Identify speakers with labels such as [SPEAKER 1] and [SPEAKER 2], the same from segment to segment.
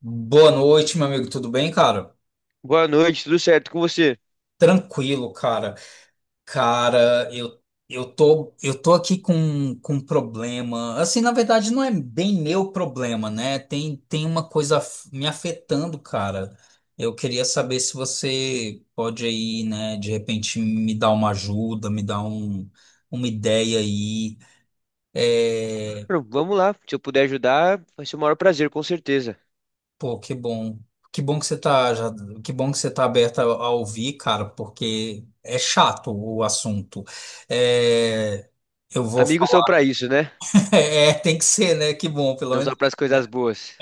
[SPEAKER 1] Boa noite, meu amigo. Tudo bem, cara?
[SPEAKER 2] Boa noite, tudo certo com você?
[SPEAKER 1] Tranquilo, cara. Cara, eu tô aqui com um problema. Assim, na verdade, não é bem meu problema, né? Tem uma coisa me afetando, cara. Eu queria saber se você pode aí, né, de repente me dar uma ajuda, me dar um, uma ideia aí. É,
[SPEAKER 2] Claro, vamos lá, se eu puder ajudar, vai ser o maior prazer, com certeza.
[SPEAKER 1] Pô, que bom. Que bom que você tá já, que bom que você tá aberta a ouvir, cara, porque é chato o assunto. É, eu vou
[SPEAKER 2] Amigos são
[SPEAKER 1] falar.
[SPEAKER 2] pra isso, né?
[SPEAKER 1] É, tem que ser, né? Que bom, pelo
[SPEAKER 2] Não só
[SPEAKER 1] menos,
[SPEAKER 2] pras coisas
[SPEAKER 1] né?
[SPEAKER 2] boas.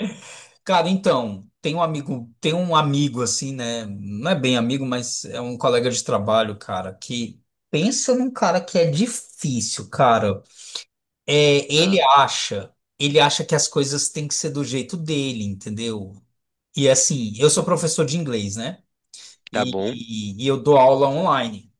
[SPEAKER 1] Cara, então, tem um amigo assim, né? Não é bem amigo, mas é um colega de trabalho, cara, que pensa num cara que é difícil, cara. É, ele
[SPEAKER 2] Tá.
[SPEAKER 1] acha, ele acha que as coisas têm que ser do jeito dele, entendeu? E assim, eu sou
[SPEAKER 2] Hum,
[SPEAKER 1] professor de inglês, né?
[SPEAKER 2] tá
[SPEAKER 1] E,
[SPEAKER 2] bom,
[SPEAKER 1] e eu dou aula online.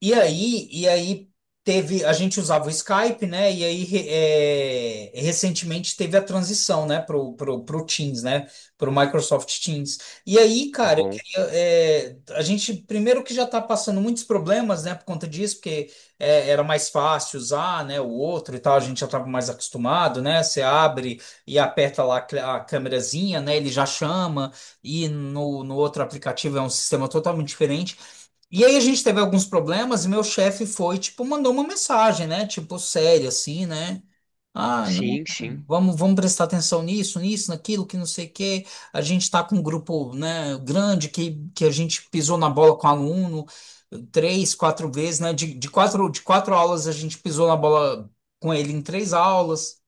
[SPEAKER 1] E aí teve, a gente usava o Skype, né? E aí recentemente teve a transição, né, pro Teams, né? Pro Microsoft Teams. E aí,
[SPEAKER 2] tá
[SPEAKER 1] cara, eu
[SPEAKER 2] bom.
[SPEAKER 1] queria, é, a gente primeiro que já está passando muitos problemas, né, por conta disso, porque é, era mais fácil usar, né, o outro e tal, a gente já estava mais acostumado, né? Você abre e aperta lá a a câmerazinha, né? Ele já chama, e no outro aplicativo é um sistema totalmente diferente. E aí a gente teve alguns problemas e meu chefe foi, tipo, mandou uma mensagem, né? Tipo, séria, assim, né? Ah, não,
[SPEAKER 2] Sim,
[SPEAKER 1] cara,
[SPEAKER 2] sim.
[SPEAKER 1] vamos prestar atenção nisso, nisso, naquilo, que não sei o quê. A gente tá com um grupo, né, grande que a gente pisou na bola com aluno três, quatro vezes, né? De quatro aulas a gente pisou na bola com ele em três aulas.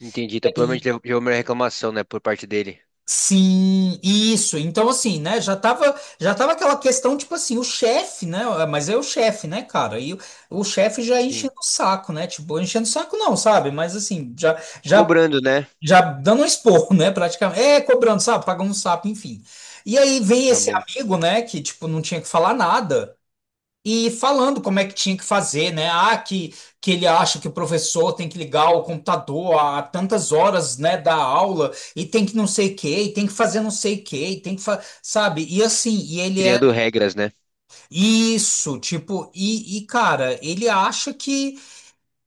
[SPEAKER 2] Entendi. Então provavelmente levou minha reclamação, né, por parte dele.
[SPEAKER 1] Sim, isso. Então, assim, né? Já tava aquela questão, tipo assim, o chefe, né? é, Mas é o chefe, né, cara? E o chefe já
[SPEAKER 2] Sim.
[SPEAKER 1] enchendo o saco, né? Tipo, enchendo o saco não, sabe? Mas assim,
[SPEAKER 2] Cobrando, né?
[SPEAKER 1] já dando um esporro, né? Praticamente. É, cobrando, sabe? Pagando um sapo, enfim. E aí vem
[SPEAKER 2] Tá
[SPEAKER 1] esse
[SPEAKER 2] bom.
[SPEAKER 1] amigo, né? Que, tipo, não tinha que falar nada. E falando como é que tinha que fazer, né? Ah, que ele acha que o professor tem que ligar o computador a tantas horas, né, da aula, e tem que não sei o quê, e tem que fazer não sei o quê, e tem que sabe? E assim, e ele é
[SPEAKER 2] Criando regras, né?
[SPEAKER 1] isso, tipo, e cara, ele acha que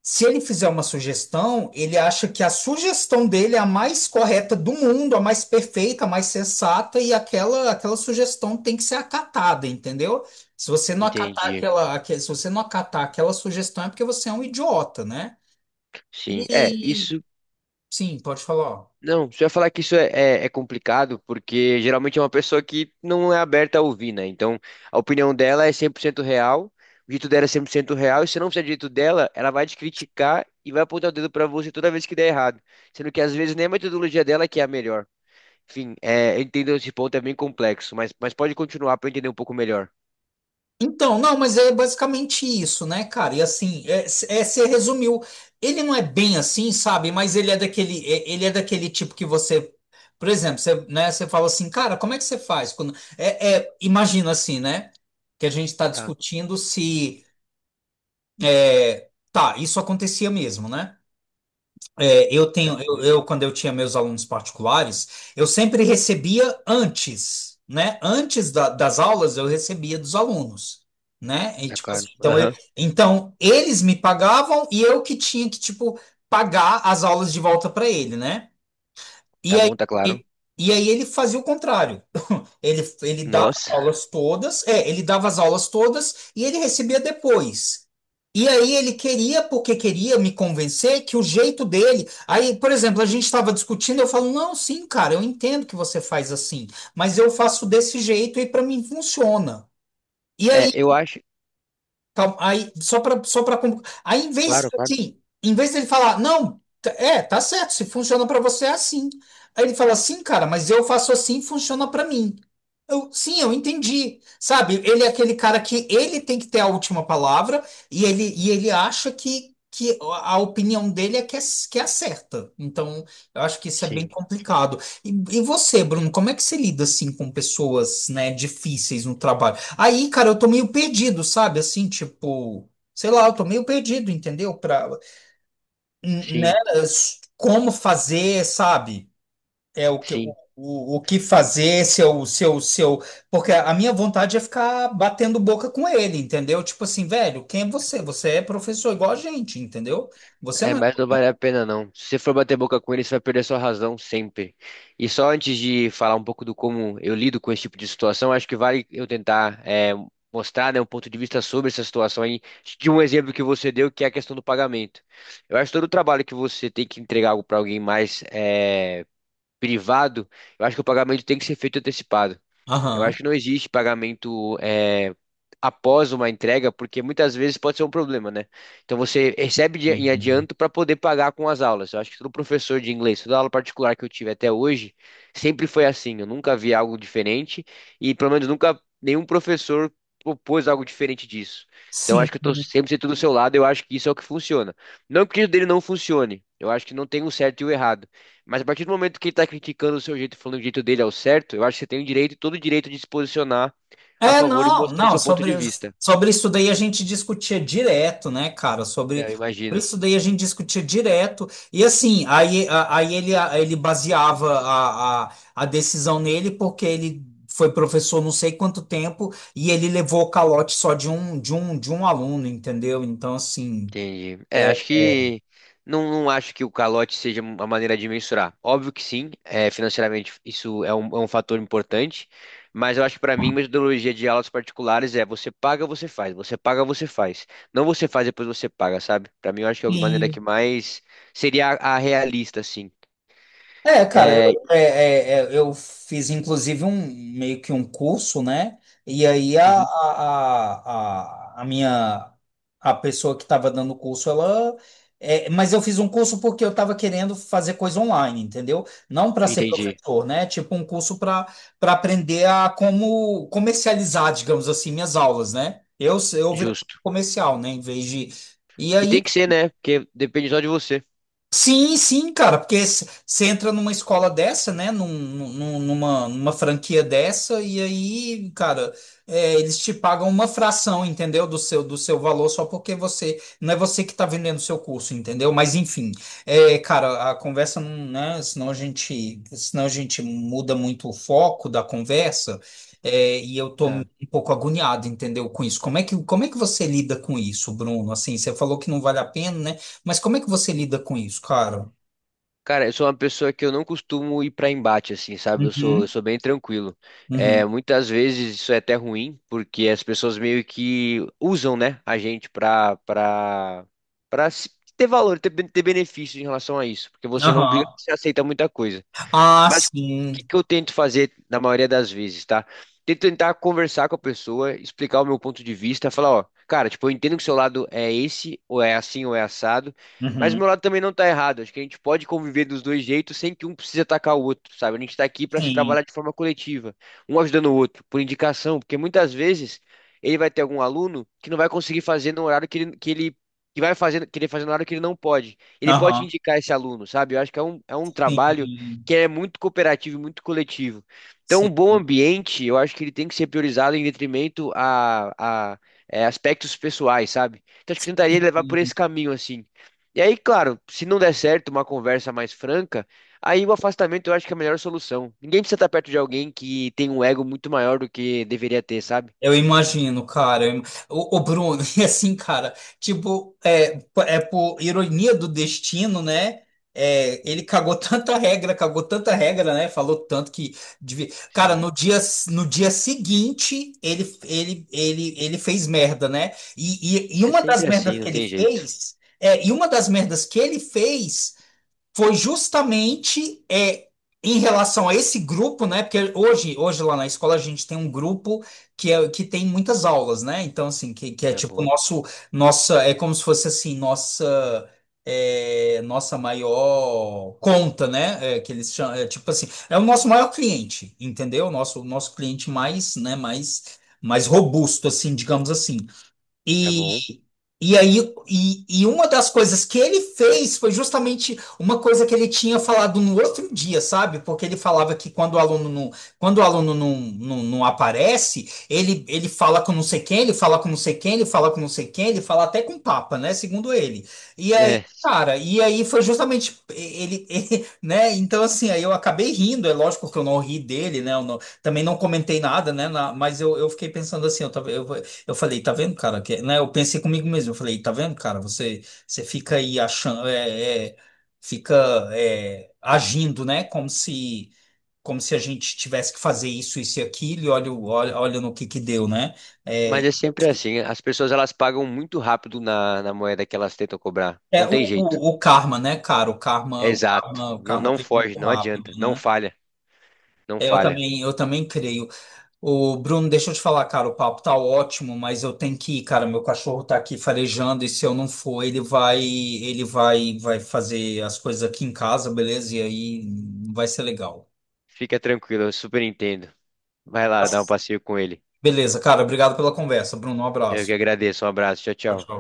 [SPEAKER 1] se ele fizer uma sugestão, ele acha que a sugestão dele é a mais correta do mundo, a mais perfeita, a mais sensata, e aquela sugestão tem que ser acatada, entendeu? Se você não acatar
[SPEAKER 2] Entendi.
[SPEAKER 1] se você não acatar aquela sugestão, é porque você é um idiota, né?
[SPEAKER 2] Sim. É,
[SPEAKER 1] E
[SPEAKER 2] isso.
[SPEAKER 1] sim, pode falar.
[SPEAKER 2] Não, você ia falar que é- é complicado, porque geralmente é uma pessoa que não é aberta a ouvir, né? Então, a opinião dela é 100% real, o jeito dela é 100% real, e se não fizer do jeito dela, ela vai te criticar e vai apontar o dedo pra você toda vez que der errado. Sendo que às vezes nem a metodologia dela que é a melhor. Enfim, é, eu entendo esse ponto, é bem complexo, mas pode continuar pra eu entender um pouco melhor.
[SPEAKER 1] Então, não, mas é basicamente isso, né, cara? E assim, você resumiu. Ele não é bem assim, sabe? Mas ele é daquele, ele é daquele tipo que você, por exemplo, você, né, você fala assim, cara, como é que você faz? Quando, imagina assim, né? Que a gente está
[SPEAKER 2] Tá,
[SPEAKER 1] discutindo se, é, tá, isso acontecia mesmo, né? É, eu
[SPEAKER 2] tá
[SPEAKER 1] tenho,
[SPEAKER 2] bom,
[SPEAKER 1] eu, quando eu tinha meus alunos particulares, eu sempre recebia antes, né? Antes das aulas, eu recebia dos alunos, né? E,
[SPEAKER 2] tá
[SPEAKER 1] tipo
[SPEAKER 2] claro.
[SPEAKER 1] assim, então,
[SPEAKER 2] Aham,
[SPEAKER 1] então, eles me pagavam e eu que tinha que, tipo, pagar as aulas de volta para ele, né? E
[SPEAKER 2] tá
[SPEAKER 1] aí,
[SPEAKER 2] bom, tá claro.
[SPEAKER 1] e, e aí ele fazia o contrário. Ele dava
[SPEAKER 2] Nossa,
[SPEAKER 1] aulas todas, é, ele dava as aulas todas e ele recebia depois. E aí ele queria, porque queria me convencer que o jeito dele. Aí, por exemplo, a gente estava discutindo, eu falo, não, sim, cara, eu entendo que você faz assim, mas eu faço desse jeito e para mim funciona. E
[SPEAKER 2] é,
[SPEAKER 1] aí
[SPEAKER 2] eu acho.
[SPEAKER 1] calma, aí, só para aí em vez
[SPEAKER 2] Claro, claro.
[SPEAKER 1] assim, em vez dele falar, não, tá certo, se funciona para você é assim. Aí ele fala assim, cara, mas eu faço assim, funciona para mim. Eu, sim, eu entendi. Sabe, ele é aquele cara que ele tem que ter a última palavra e ele acha que a opinião dele é que é, que é a certa. Então, eu acho que isso é bem
[SPEAKER 2] Sim,
[SPEAKER 1] complicado. E você, Bruno, como é que você lida assim com pessoas, né, difíceis no trabalho? Aí, cara, eu tô meio perdido, sabe? Assim, tipo, sei lá, eu tô meio perdido, entendeu? Pra, né?
[SPEAKER 2] sim,
[SPEAKER 1] Como fazer, sabe? É o que, o,
[SPEAKER 2] sim.
[SPEAKER 1] o que fazer, se eu. Porque a minha vontade é ficar batendo boca com ele, entendeu? Tipo assim, velho, quem é você? Você é professor igual a gente, entendeu? Você
[SPEAKER 2] É,
[SPEAKER 1] não é.
[SPEAKER 2] mas não vale a pena não. Se você for bater boca com ele, você vai perder sua razão sempre. E só antes de falar um pouco do como eu lido com esse tipo de situação, acho que vale eu tentar mostrar, né, um ponto de vista sobre essa situação aí, de um exemplo que você deu, que é a questão do pagamento. Eu acho que todo o trabalho que você tem que entregar algo para alguém mais privado, eu acho que o pagamento tem que ser feito antecipado. Eu acho
[SPEAKER 1] Aham.
[SPEAKER 2] que não existe pagamento após uma entrega, porque muitas vezes pode ser um problema, né? Então você recebe de- em
[SPEAKER 1] Uhum.
[SPEAKER 2] adianto para poder pagar com as aulas. Eu acho que todo professor de inglês, toda aula particular que eu tive até hoje, sempre foi assim. Eu nunca vi algo diferente e pelo menos nunca nenhum professor propôs algo diferente disso. Então
[SPEAKER 1] Sim.
[SPEAKER 2] acho que eu estou sempre sendo do seu lado. Eu acho que isso é o que funciona. Não que o dele não funcione. Eu acho que não tem um certo e o errado. Mas a partir do momento que ele tá criticando o seu jeito, falando que o jeito dele é o certo, eu acho que você tem o direito, todo o direito de se posicionar a
[SPEAKER 1] É,
[SPEAKER 2] favor e
[SPEAKER 1] não,
[SPEAKER 2] mostrando
[SPEAKER 1] não,
[SPEAKER 2] seu ponto
[SPEAKER 1] sobre,
[SPEAKER 2] de vista.
[SPEAKER 1] sobre isso daí a gente discutia direto, né, cara?
[SPEAKER 2] É,
[SPEAKER 1] Sobre,
[SPEAKER 2] eu
[SPEAKER 1] sobre
[SPEAKER 2] imagino.
[SPEAKER 1] isso daí a gente discutia direto. E assim, aí, aí ele baseava a decisão nele, porque ele foi professor não sei quanto tempo e ele levou o calote só de um, de um aluno, entendeu? Então, assim.
[SPEAKER 2] Entendi. É, acho que não, não acho que o calote seja uma maneira de mensurar. Óbvio que sim, é, financeiramente isso é um fator importante, mas eu acho que para mim, metodologia de aulas particulares é você paga, você faz, você paga, você faz. Não você faz, depois você paga, sabe? Para mim, eu acho que é a maneira que mais seria a realista, assim.
[SPEAKER 1] É, cara, eu,
[SPEAKER 2] É,
[SPEAKER 1] é, é, é, eu fiz inclusive um meio que um curso, né? E aí
[SPEAKER 2] uhum,
[SPEAKER 1] a pessoa que estava dando o curso, ela. É, mas eu fiz um curso porque eu estava querendo fazer coisa online, entendeu? Não para ser
[SPEAKER 2] entendi.
[SPEAKER 1] professor, né? Tipo um curso para aprender a como comercializar, digamos assim, minhas aulas, né? Eu virei
[SPEAKER 2] Justo.
[SPEAKER 1] comercial, né? Em vez de. E
[SPEAKER 2] E tem
[SPEAKER 1] aí.
[SPEAKER 2] que ser, né? Porque depende só de você.
[SPEAKER 1] Sim, sim, cara, porque você entra numa escola dessa, né, numa franquia dessa, e aí, cara, é, eles te pagam uma fração, entendeu, do seu valor, só porque você, não é você que tá vendendo o seu curso, entendeu? Mas, enfim, é, cara, a conversa não, né, senão a gente muda muito o foco da conversa, é, e eu tô um
[SPEAKER 2] Tá.
[SPEAKER 1] pouco agoniado, entendeu, com isso. Como é que você lida com isso, Bruno? Assim, você falou que não vale a pena, né? Mas como é que você lida com isso, cara?
[SPEAKER 2] Cara, eu sou uma pessoa que eu não costumo ir pra embate, assim, sabe? Eu sou, eu
[SPEAKER 1] Uhum,
[SPEAKER 2] sou bem tranquilo.
[SPEAKER 1] uhum,
[SPEAKER 2] É, muitas vezes isso é até ruim, porque as pessoas meio que usam, né, a gente pra, pra, pra se- ter valor, ter, ben- ter benefício em relação a isso. Porque você não
[SPEAKER 1] aham.
[SPEAKER 2] briga, você aceita muita coisa.
[SPEAKER 1] Ah,
[SPEAKER 2] Mas o
[SPEAKER 1] sim.
[SPEAKER 2] que que eu tento fazer na maioria das vezes, tá? Tento tentar conversar com a pessoa, explicar o meu ponto de vista, falar, ó, cara, tipo, eu entendo que o seu lado é esse, ou é assim, ou é assado, mas o
[SPEAKER 1] Uhum,
[SPEAKER 2] meu lado também não tá errado. Acho que a gente pode conviver dos dois jeitos sem que um precise atacar o outro, sabe? A gente tá aqui pra se
[SPEAKER 1] sim.
[SPEAKER 2] trabalhar de forma coletiva, um ajudando o outro, por indicação, porque muitas vezes ele vai ter algum aluno que não vai conseguir fazer no horário que ele que vai fazer, querer fazer no horário que ele não pode. Ele pode
[SPEAKER 1] Aham,
[SPEAKER 2] indicar esse aluno, sabe? Eu acho que é um trabalho
[SPEAKER 1] sim.
[SPEAKER 2] que é muito cooperativo, e muito coletivo. Então, um
[SPEAKER 1] Sim.
[SPEAKER 2] bom ambiente, eu acho que ele tem que ser priorizado em detrimento a aspectos pessoais, sabe? Então, acho que eu tentaria levar por esse
[SPEAKER 1] Sim.
[SPEAKER 2] caminho, assim. E aí, claro, se não der certo uma conversa mais franca, aí o afastamento eu acho que é a melhor solução. Ninguém precisa estar perto de alguém que tem um ego muito maior do que deveria ter, sabe?
[SPEAKER 1] Eu imagino, cara. Eu im- Ô, Bruno, e assim, cara, tipo, é, é por ironia do destino, né? É, ele cagou tanta regra, cagou tanta regra, né? Falou tanto que. Devia- Cara,
[SPEAKER 2] Sim.
[SPEAKER 1] no dia, no dia seguinte, ele fez merda, né? E
[SPEAKER 2] É
[SPEAKER 1] uma das
[SPEAKER 2] sempre
[SPEAKER 1] merdas
[SPEAKER 2] assim,
[SPEAKER 1] que
[SPEAKER 2] não
[SPEAKER 1] ele
[SPEAKER 2] tem jeito.
[SPEAKER 1] fez. É, e uma das merdas que ele fez foi justamente é, em relação a esse grupo, né? Porque hoje, hoje lá na escola a gente tem um grupo que é que tem muitas aulas, né? Então assim, que é
[SPEAKER 2] Tá
[SPEAKER 1] tipo
[SPEAKER 2] bom,
[SPEAKER 1] nosso nossa é como se fosse assim nossa é, nossa maior conta, né? É, que eles chamam, é, tipo assim é o nosso maior cliente, entendeu? Nosso cliente mais, né? Mais robusto, assim, digamos assim.
[SPEAKER 2] tá bom.
[SPEAKER 1] E, e aí, e uma das coisas que ele fez foi justamente uma coisa que ele tinha falado no outro dia, sabe? Porque ele falava que quando o aluno não, quando o aluno não aparece, ele fala com não sei quem, ele fala com não sei quem, ele fala com não sei quem, ele fala até com o Papa, né? Segundo ele. E aí,
[SPEAKER 2] É.
[SPEAKER 1] cara, e aí foi justamente ele, ele, né? Então, assim, aí eu acabei rindo, é lógico que eu não ri dele, né? Eu não- também não comentei nada, né? na- mas eu fiquei pensando assim, eu, tava- eu falei, tá vendo, cara? Que, é, né, eu pensei comigo mesmo, eu falei, tá vendo, cara? Você fica aí achando, fica é, agindo, né? Como se a gente tivesse que fazer isso, isso e aquilo, e olha, olha no que deu, né? É,
[SPEAKER 2] Mas é sempre assim. As pessoas elas pagam muito rápido na, na moeda que elas tentam cobrar.
[SPEAKER 1] é
[SPEAKER 2] Não tem jeito.
[SPEAKER 1] o karma, né, cara? O
[SPEAKER 2] É
[SPEAKER 1] karma, o
[SPEAKER 2] exato.
[SPEAKER 1] karma, o
[SPEAKER 2] Não,
[SPEAKER 1] karma
[SPEAKER 2] não
[SPEAKER 1] vem
[SPEAKER 2] foge,
[SPEAKER 1] muito
[SPEAKER 2] não
[SPEAKER 1] rápido,
[SPEAKER 2] adianta. Não
[SPEAKER 1] né?
[SPEAKER 2] falha, não
[SPEAKER 1] É, eu
[SPEAKER 2] falha.
[SPEAKER 1] também, eu também creio. Ô, Bruno, deixa eu te falar, cara, o papo tá ótimo, mas eu tenho que ir, cara. Meu cachorro tá aqui farejando e se eu não for, vai fazer as coisas aqui em casa, beleza? E aí não vai ser legal.
[SPEAKER 2] Fica tranquilo, eu super entendo. Vai lá, dá um passeio com ele.
[SPEAKER 1] Beleza, cara. Obrigado pela conversa, Bruno. Um
[SPEAKER 2] Eu que
[SPEAKER 1] abraço.
[SPEAKER 2] agradeço. Um abraço. Tchau,
[SPEAKER 1] Tchau,
[SPEAKER 2] tchau.
[SPEAKER 1] tchau.